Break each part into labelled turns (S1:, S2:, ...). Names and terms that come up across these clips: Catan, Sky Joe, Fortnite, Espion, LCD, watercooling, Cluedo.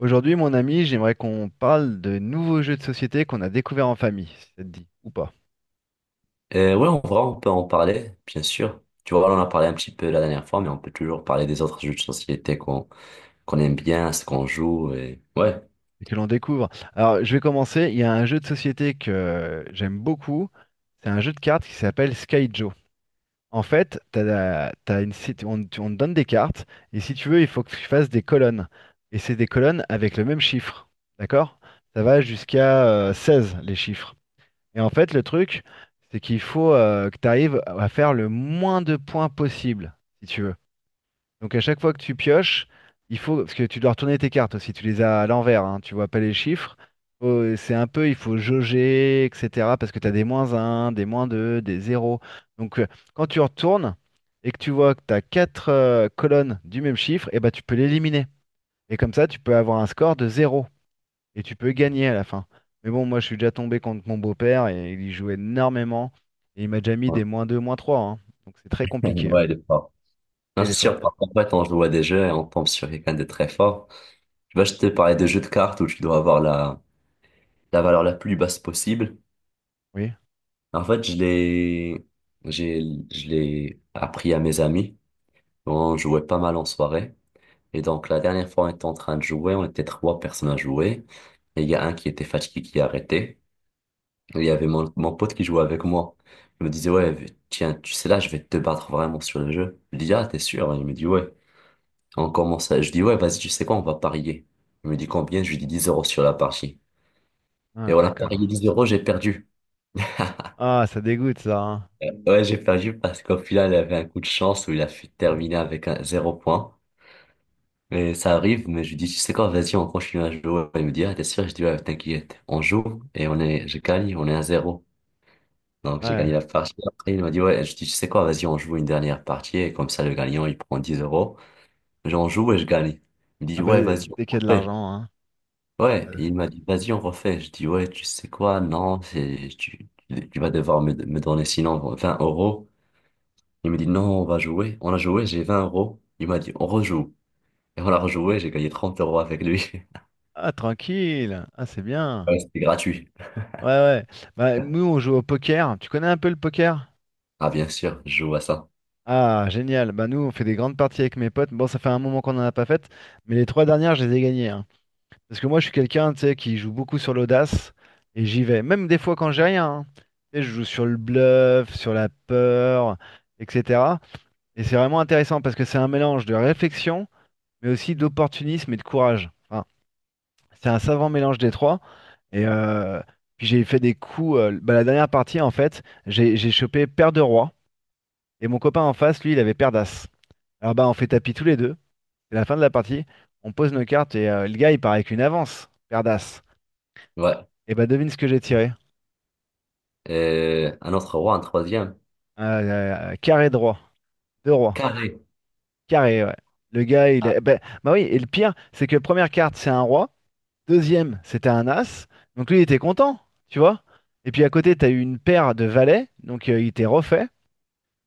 S1: Aujourd'hui, mon ami, j'aimerais qu'on parle de nouveaux jeux de société qu'on a découverts en famille, si ça te dit, ou pas,
S2: Ouais, on va, on peut en parler, bien sûr. Tu vois, on en a parlé un petit peu la dernière fois, mais on peut toujours parler des autres jeux de société qu'on aime bien, ce qu'on joue et ouais.
S1: et que l'on découvre. Alors, je vais commencer. Il y a un jeu de société que j'aime beaucoup. C'est un jeu de cartes qui s'appelle Sky Joe. En fait, t'as la- t'as une, si- on, tu- on te donne des cartes, et si tu veux, il faut que tu fasses des colonnes. Et c'est des colonnes avec le même chiffre. D'accord? Ça va jusqu'à 16, les chiffres. Et en fait, le truc, c'est qu'il faut que tu arrives à faire le moins de points possible, si tu veux. Donc à chaque fois que tu pioches, il faut, parce que tu dois retourner tes cartes aussi, tu les as à l'envers, hein, tu vois pas les chiffres. C'est un peu, il faut jauger, etc. Parce que tu as des moins un, des moins 2, des 0. Donc, quand tu retournes et que tu vois que tu as 4 colonnes du même chiffre, et ben tu peux l'éliminer. Et comme ça, tu peux avoir un score de zéro. Et tu peux gagner à la fin. Mais bon, moi je suis déjà tombé contre mon beau-père et il y joue énormément. Et il m'a déjà mis
S2: Ouais,
S1: des moins 2, moins trois, hein. Donc c'est très compliqué, hein.
S2: ouais, il est fort.
S1: Ah,
S2: Non,
S1: il
S2: c'est
S1: est
S2: sûr,
S1: fort.
S2: par contre, en fait, on joue à des jeux et on tombe sur quelqu'un de très fort. Tu vois, je te parlais de jeux de cartes où tu dois avoir la valeur la plus basse possible.
S1: Oui.
S2: En fait, j'ai, je l'ai appris à mes amis. On jouait pas mal en soirée. Et donc, la dernière fois, on était en train de jouer, on était trois personnes à jouer. Et il y a un qui était fatigué qui a arrêté. Et il y avait mon pote qui jouait avec moi. Il me disait, ouais, tiens, tu sais là, je vais te battre vraiment sur le jeu. Je lui dis, ah, t'es sûr? Il me dit, ouais. On commence à... Je dis, ouais, vas-y, tu sais quoi, on va parier. Il me dit combien? Je lui dis 10 euros sur la partie. Et
S1: Ah,
S2: on a
S1: d'accord.
S2: parié 10 euros, j'ai perdu.
S1: Ah, ça dégoûte ça, hein.
S2: Ouais, j'ai perdu parce qu'au final, il avait un coup de chance où il a fait terminer avec un zéro point. Et ça arrive, mais je lui dis, tu sais quoi, vas-y, on continue à jouer. Il me dit, ah, t'es sûr? Je dis, ouais, t'inquiète, on joue et on est, je gagne, on est à zéro. Donc j'ai
S1: Ouais.
S2: gagné la partie. Après, il m'a dit, ouais, je dis, tu sais quoi, vas-y, on joue une dernière partie et comme ça, le gagnant, il prend 10 euros. J'en joue et je gagne. Il dit,
S1: Ah, bah
S2: ouais, vas-y, on
S1: dès qu'il y a de
S2: refait.
S1: l'argent, hein.
S2: Ouais, et il m'a dit, vas-y, on refait. Je dis, ouais, tu sais quoi, non, c'est, tu, tu vas devoir me donner sinon 20 euros. Il me dit, non, on va jouer. On a joué, j'ai 20 euros. Il m'a dit, on rejoue. Et on a rejoué, j'ai gagné 30 euros avec lui.
S1: Ah, tranquille. Ah, c'est bien.
S2: Ouais, c'était gratuit.
S1: Ouais, ouais. Bah, nous on joue au poker. Tu connais un peu le poker?
S2: Ah, bien sûr, je joue à ça.
S1: Ah, génial. Bah, nous on fait des grandes parties avec mes potes. Bon, ça fait un moment qu'on n'en a pas fait, mais les trois dernières je les ai gagnées, hein. Parce que moi je suis quelqu'un tu sais qui joue beaucoup sur l'audace et j'y vais. Même des fois quand j'ai rien, hein. Tu sais, je joue sur le bluff, sur la peur, etc. Et c'est vraiment intéressant parce que c'est un mélange de réflexion, mais aussi d'opportunisme et de courage. Enfin. C'est un savant mélange des trois. Et puis j'ai fait des coups. La dernière partie, en fait, j'ai chopé paire de roi. Et mon copain en face, lui, il avait paire d'as. Alors, bah, on fait tapis tous les deux. C'est la fin de la partie. On pose nos cartes et le gars, il part avec une avance. Paire d'as.
S2: Ouais.
S1: Et bah, devine ce que j'ai tiré.
S2: Et un autre roi, un troisième.
S1: Euh, Carré de roi. Deux rois.
S2: Carré.
S1: Carré, ouais. Le gars, il
S2: Ah,
S1: a, bah, bah oui, et le pire, c'est que première carte, c'est un roi. Deuxième, c'était un as. Donc, lui, il était content, tu vois. Et puis à côté, t'as eu une paire de valets. Donc, il était refait.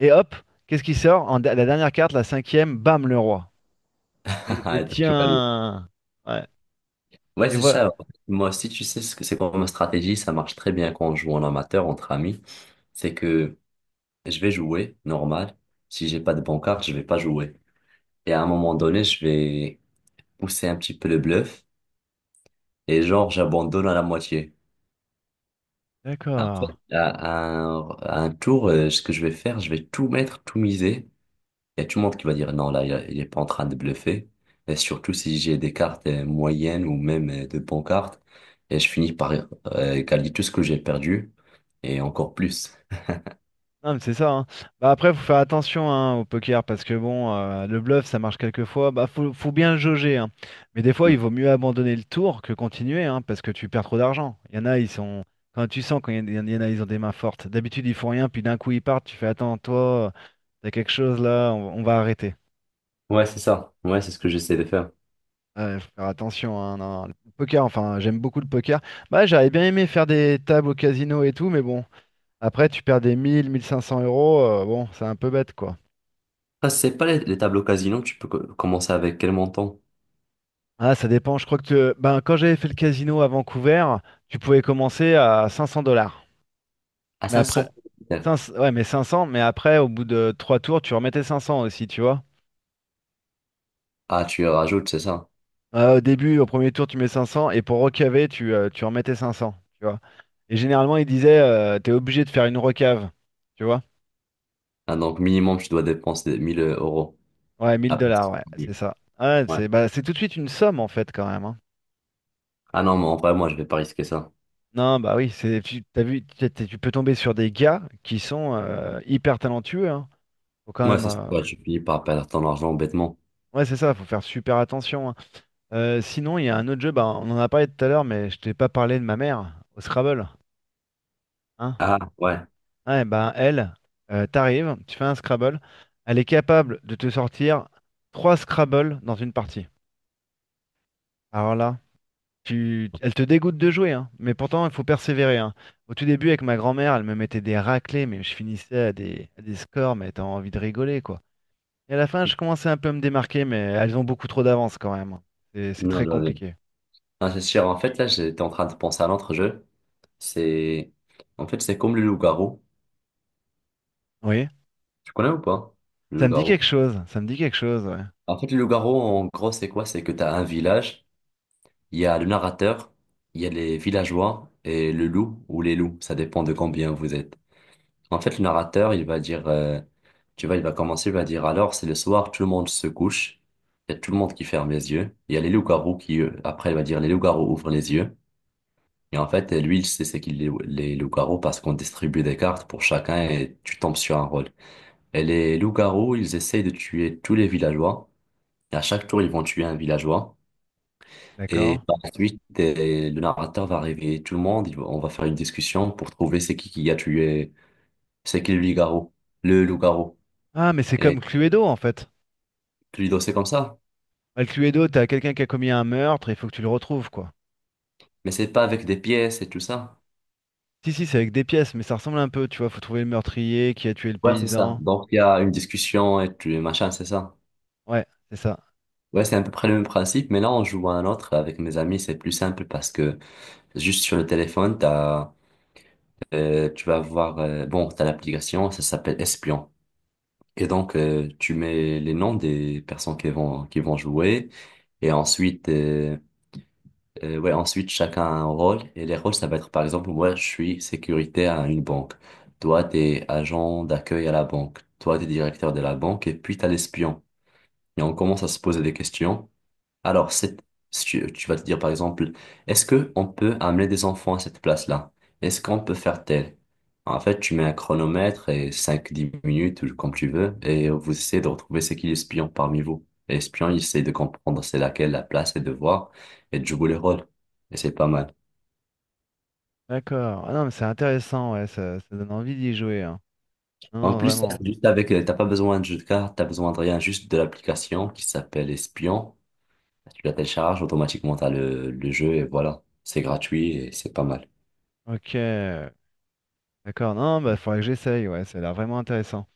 S1: Et hop, qu'est-ce qui sort? La dernière carte, la cinquième, bam, le roi. Et
S2: t'as tout gagné.
S1: tiens. Ouais.
S2: Ouais,
S1: Et
S2: c'est
S1: voilà.
S2: ça. Moi aussi, tu sais ce que c'est comme stratégie, ça marche très bien quand on joue en amateur entre amis. C'est que je vais jouer normal. Si j'ai pas de bon carte, je vais pas jouer. Et à un moment donné, je vais pousser un petit peu le bluff et genre j'abandonne à la moitié. En
S1: D'accord.
S2: fait, à un tour, ce que je vais faire, je vais tout mettre, tout miser. Il y a tout le monde qui va dire non, là, il est pas en train de bluffer. Et surtout si j'ai des cartes moyennes ou même de bonnes cartes, et je finis par égaler tout ce que j'ai perdu et encore plus.
S1: Non, mais c'est ça, hein. Bah, après, faut faire attention, hein, au poker parce que bon, le bluff, ça marche quelquefois. Bah, faut bien le jauger, hein. Mais des fois, il
S2: Mm.
S1: vaut mieux abandonner le tour que continuer, hein, parce que tu perds trop d'argent. Il y en a, ils sont. Quand tu sens quand il y en a, ils ont des mains fortes. D'habitude, ils font rien, puis d'un coup, ils partent. Tu fais, attends, toi, t'as quelque chose là, on va arrêter.
S2: Ouais, c'est ça. Ouais, c'est ce que j'essaie de faire.
S1: Ouais, faut faire attention, hein, non. Le poker, enfin, j'aime beaucoup le poker. Bah, j'aurais bien aimé faire des tables au casino et tout, mais bon, après, tu perds des mille, mille cinq cents euros, bon, c'est un peu bête, quoi.
S2: Ah, c'est pas les, les tableaux casino, tu peux commencer avec quel montant?
S1: Ah, ça dépend, je crois que, ben, quand j'avais fait le casino à Vancouver, tu pouvais commencer à 500 dollars.
S2: À
S1: Mais après,
S2: 500.
S1: 500, ouais, mais 500, mais après, au bout de 3 tours, tu remettais 500 aussi, tu vois.
S2: Ah, tu rajoutes, c'est ça.
S1: Au début, au premier tour, tu mets 500 et pour recaver, tu remettais 500, tu vois. Et généralement, ils disaient, t'es obligé de faire une recave, tu vois.
S2: Ah, donc minimum, tu dois dépenser 1000 euros.
S1: Ouais, 1000
S2: Ah,
S1: dollars, ouais,
S2: que-
S1: c'est ça. Ouais,
S2: ouais.
S1: c'est tout de suite une somme en fait quand même, hein.
S2: Ah non, mais en vrai, moi, je vais pas risquer ça.
S1: Non, bah oui, c'est tu t'as vu, tu peux tomber sur des gars qui sont hyper talentueux. Hein. Faut quand
S2: Ouais,
S1: même.
S2: c'est ça. Tu finis par perdre ton argent bêtement.
S1: Ouais, c'est ça, faut faire super attention, hein. Sinon, il y a un autre jeu, bah, on en a parlé tout à l'heure, mais je t'ai pas parlé de ma mère au Scrabble. Hein.
S2: Ah, ouais.
S1: Ouais, bah t'arrives, tu fais un Scrabble, elle est capable de te sortir trois Scrabble dans une partie. Alors là. Elle te dégoûte de jouer, hein. Mais pourtant, il faut persévérer, hein. Au tout début, avec ma grand-mère, elle me mettait des raclées, mais je finissais à des scores, mais t'as envie de rigoler, quoi. Et à la fin, je commençais un peu à me démarquer, mais elles ont beaucoup trop d'avance quand même, hein. C'est
S2: Non,
S1: très
S2: je vois bien.
S1: compliqué.
S2: Non, c'est sûr. En fait, là, j'étais en train de penser à l'autre jeu. C'est, en fait, c'est comme le loup-garou.
S1: Oui,
S2: Tu connais ou pas? Le
S1: ça me dit
S2: loup-garou.
S1: quelque chose, ça me dit quelque chose, ouais.
S2: En fait, le loup-garou, en gros, c'est quoi? C'est que tu as un village, il y a le narrateur, il y a les villageois et le loup ou les loups. Ça dépend de combien vous êtes. En fait, le narrateur, il va dire, tu vois, il va commencer, il va dire, alors, c'est le soir, tout le monde se couche. Il y a tout le monde qui ferme les yeux. Il y a les loups-garous qui, après, il va dire, les loups-garous ouvrent les yeux. Et en fait, lui, il sait c'est qu'il les loups-garous parce qu'on distribue des cartes pour chacun et tu tombes sur un rôle. Et les loups-garous, ils essayent de tuer tous les villageois. Et à chaque tour, ils vont tuer un villageois. Et
S1: D'accord.
S2: par la suite, le narrateur va réveiller tout le monde. On va faire une discussion pour trouver c'est qui a tué, c'est qui le loup-garou, le loup-garou.
S1: Ah, mais c'est comme
S2: Et
S1: Cluedo, en fait.
S2: Cluedo, c'est comme ça.
S1: Ah, le Cluedo, t'as quelqu'un qui a commis un meurtre, il faut que tu le retrouves, quoi.
S2: Mais c'est pas avec des pièces et tout ça.
S1: Si, si, c'est avec des pièces, mais ça ressemble un peu, tu vois, faut trouver le meurtrier, qui a tué le
S2: Ouais, c'est ça.
S1: paysan.
S2: Donc, il y a une discussion et tu, machin, c'est ça.
S1: Ouais, c'est ça.
S2: Ouais, c'est à peu près le même principe, mais là, on joue à un autre avec mes amis, c'est plus simple parce que juste sur le téléphone, t'as, tu vas voir, bon, t'as l'application, ça s'appelle Espion. Et donc, tu mets les noms des personnes qui vont jouer. Et ensuite, ouais, ensuite, chacun a un rôle. Et les rôles, ça va être, par exemple, moi, je suis sécurité à une banque. Toi, t'es agent d'accueil à la banque. Toi, t'es directeur de la banque. Et puis, t'as l'espion. Et on commence à se poser des questions. Alors, c'est, si tu, tu vas te dire par exemple, est-ce que on peut amener des enfants à cette place-là? Est-ce qu'on peut faire tel? En fait, tu mets un chronomètre et 5 à 10 minutes, ou comme tu veux, et vous essayez de retrouver c'est qui l'espion parmi vous. Et l'espion, il essaie de comprendre c'est laquelle la place et de voir et de jouer les rôles. Et c'est pas mal.
S1: D'accord. Ah, non, mais c'est intéressant, ouais, ça donne envie d'y jouer, hein. Non,
S2: En
S1: non,
S2: plus, ça,
S1: vraiment.
S2: c'est juste avec, t'as pas besoin de jeu de cartes, t'as besoin de rien, juste de l'application qui s'appelle Espion. Tu la télécharges, automatiquement t'as le jeu et voilà. C'est gratuit et c'est pas mal.
S1: Ok, d'accord. Non, bah faudrait que j'essaye, ouais, ça a l'air vraiment intéressant.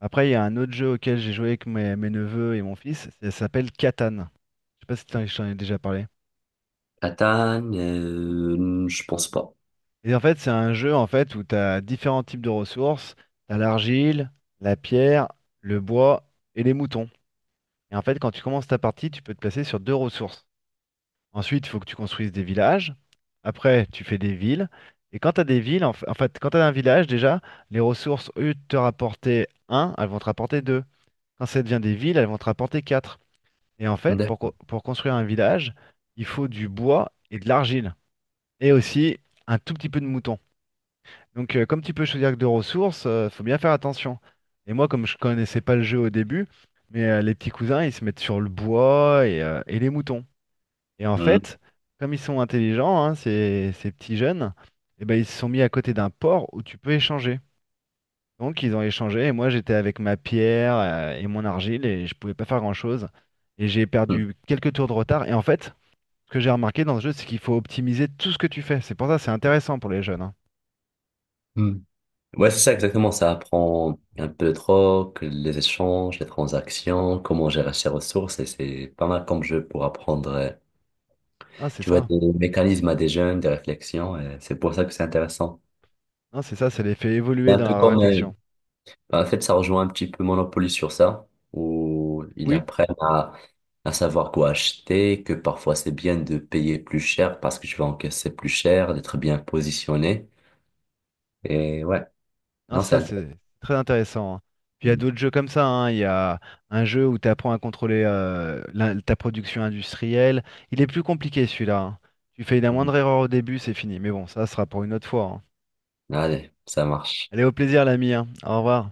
S1: Après, il y a un autre jeu auquel j'ai joué avec mes neveux et mon fils, ça s'appelle Catan. Je sais pas si je t'en ai déjà parlé.
S2: Platane, je pense pas.
S1: Et en fait, c'est un jeu en fait où tu as différents types de ressources. Tu as l'argile, la pierre, le bois et les moutons. Et en fait, quand tu commences ta partie, tu peux te placer sur deux ressources. Ensuite, il faut que tu construises des villages. Après, tu fais des villes. Et quand tu as des villes, en fait, quand tu as un village déjà, les ressources, au lieu de te rapporter un, elles vont te rapporter deux. Quand ça devient des villes, elles vont te rapporter quatre. Et en fait, pour,
S2: D'accord.
S1: co- pour construire un village, il faut du bois et de l'argile. Et aussi un tout petit peu de moutons. Donc, comme tu peux choisir que deux ressources, faut bien faire attention. Et moi, comme je connaissais pas le jeu au début, mais les petits cousins, ils se mettent sur le bois et les moutons. Et en
S2: Hmm,
S1: fait, comme ils sont intelligents, hein, ces petits jeunes, eh ben, ils se sont mis à côté d'un port où tu peux échanger. Donc, ils ont échangé et moi, j'étais avec ma pierre et mon argile et je pouvais pas faire grand-chose. Et j'ai
S2: hmm,
S1: perdu quelques tours de retard. Et en fait, ce que j'ai remarqué dans ce jeu, c'est qu'il faut optimiser tout ce que tu fais. C'est pour ça que c'est intéressant pour les jeunes, hein.
S2: hmm. Ouais, c'est ça exactement. Ça apprend un peu de rock, les échanges, les transactions, comment gérer ses ressources. Et c'est pas mal comme jeu pour apprendre,
S1: Ah, c'est
S2: tu vois,
S1: ça.
S2: des mécanismes à des jeunes, des réflexions. Et c'est pour ça que c'est intéressant.
S1: Hein, c'est ça, ça les fait
S2: C'est
S1: évoluer
S2: un
S1: dans
S2: peu
S1: la
S2: comme,
S1: réflexion.
S2: en fait, ça rejoint un petit peu Monopoly sur ça, où ils
S1: Oui,
S2: apprennent à savoir quoi acheter, que parfois c'est bien de payer plus cher parce que tu vas encaisser plus cher, d'être bien positionné. Et ouais,
S1: hein,
S2: non, c'est
S1: ça
S2: intéressant.
S1: c'est très intéressant, hein. Puis il y a d'autres jeux comme ça, hein. Il y a un jeu où tu apprends à contrôler ta production industrielle. Il est plus compliqué celui-là, hein. Tu fais la moindre erreur au début, c'est fini. Mais bon, ça sera pour une autre fois, hein.
S2: Allez, ça marche.
S1: Allez, au plaisir l'ami, hein. Au revoir.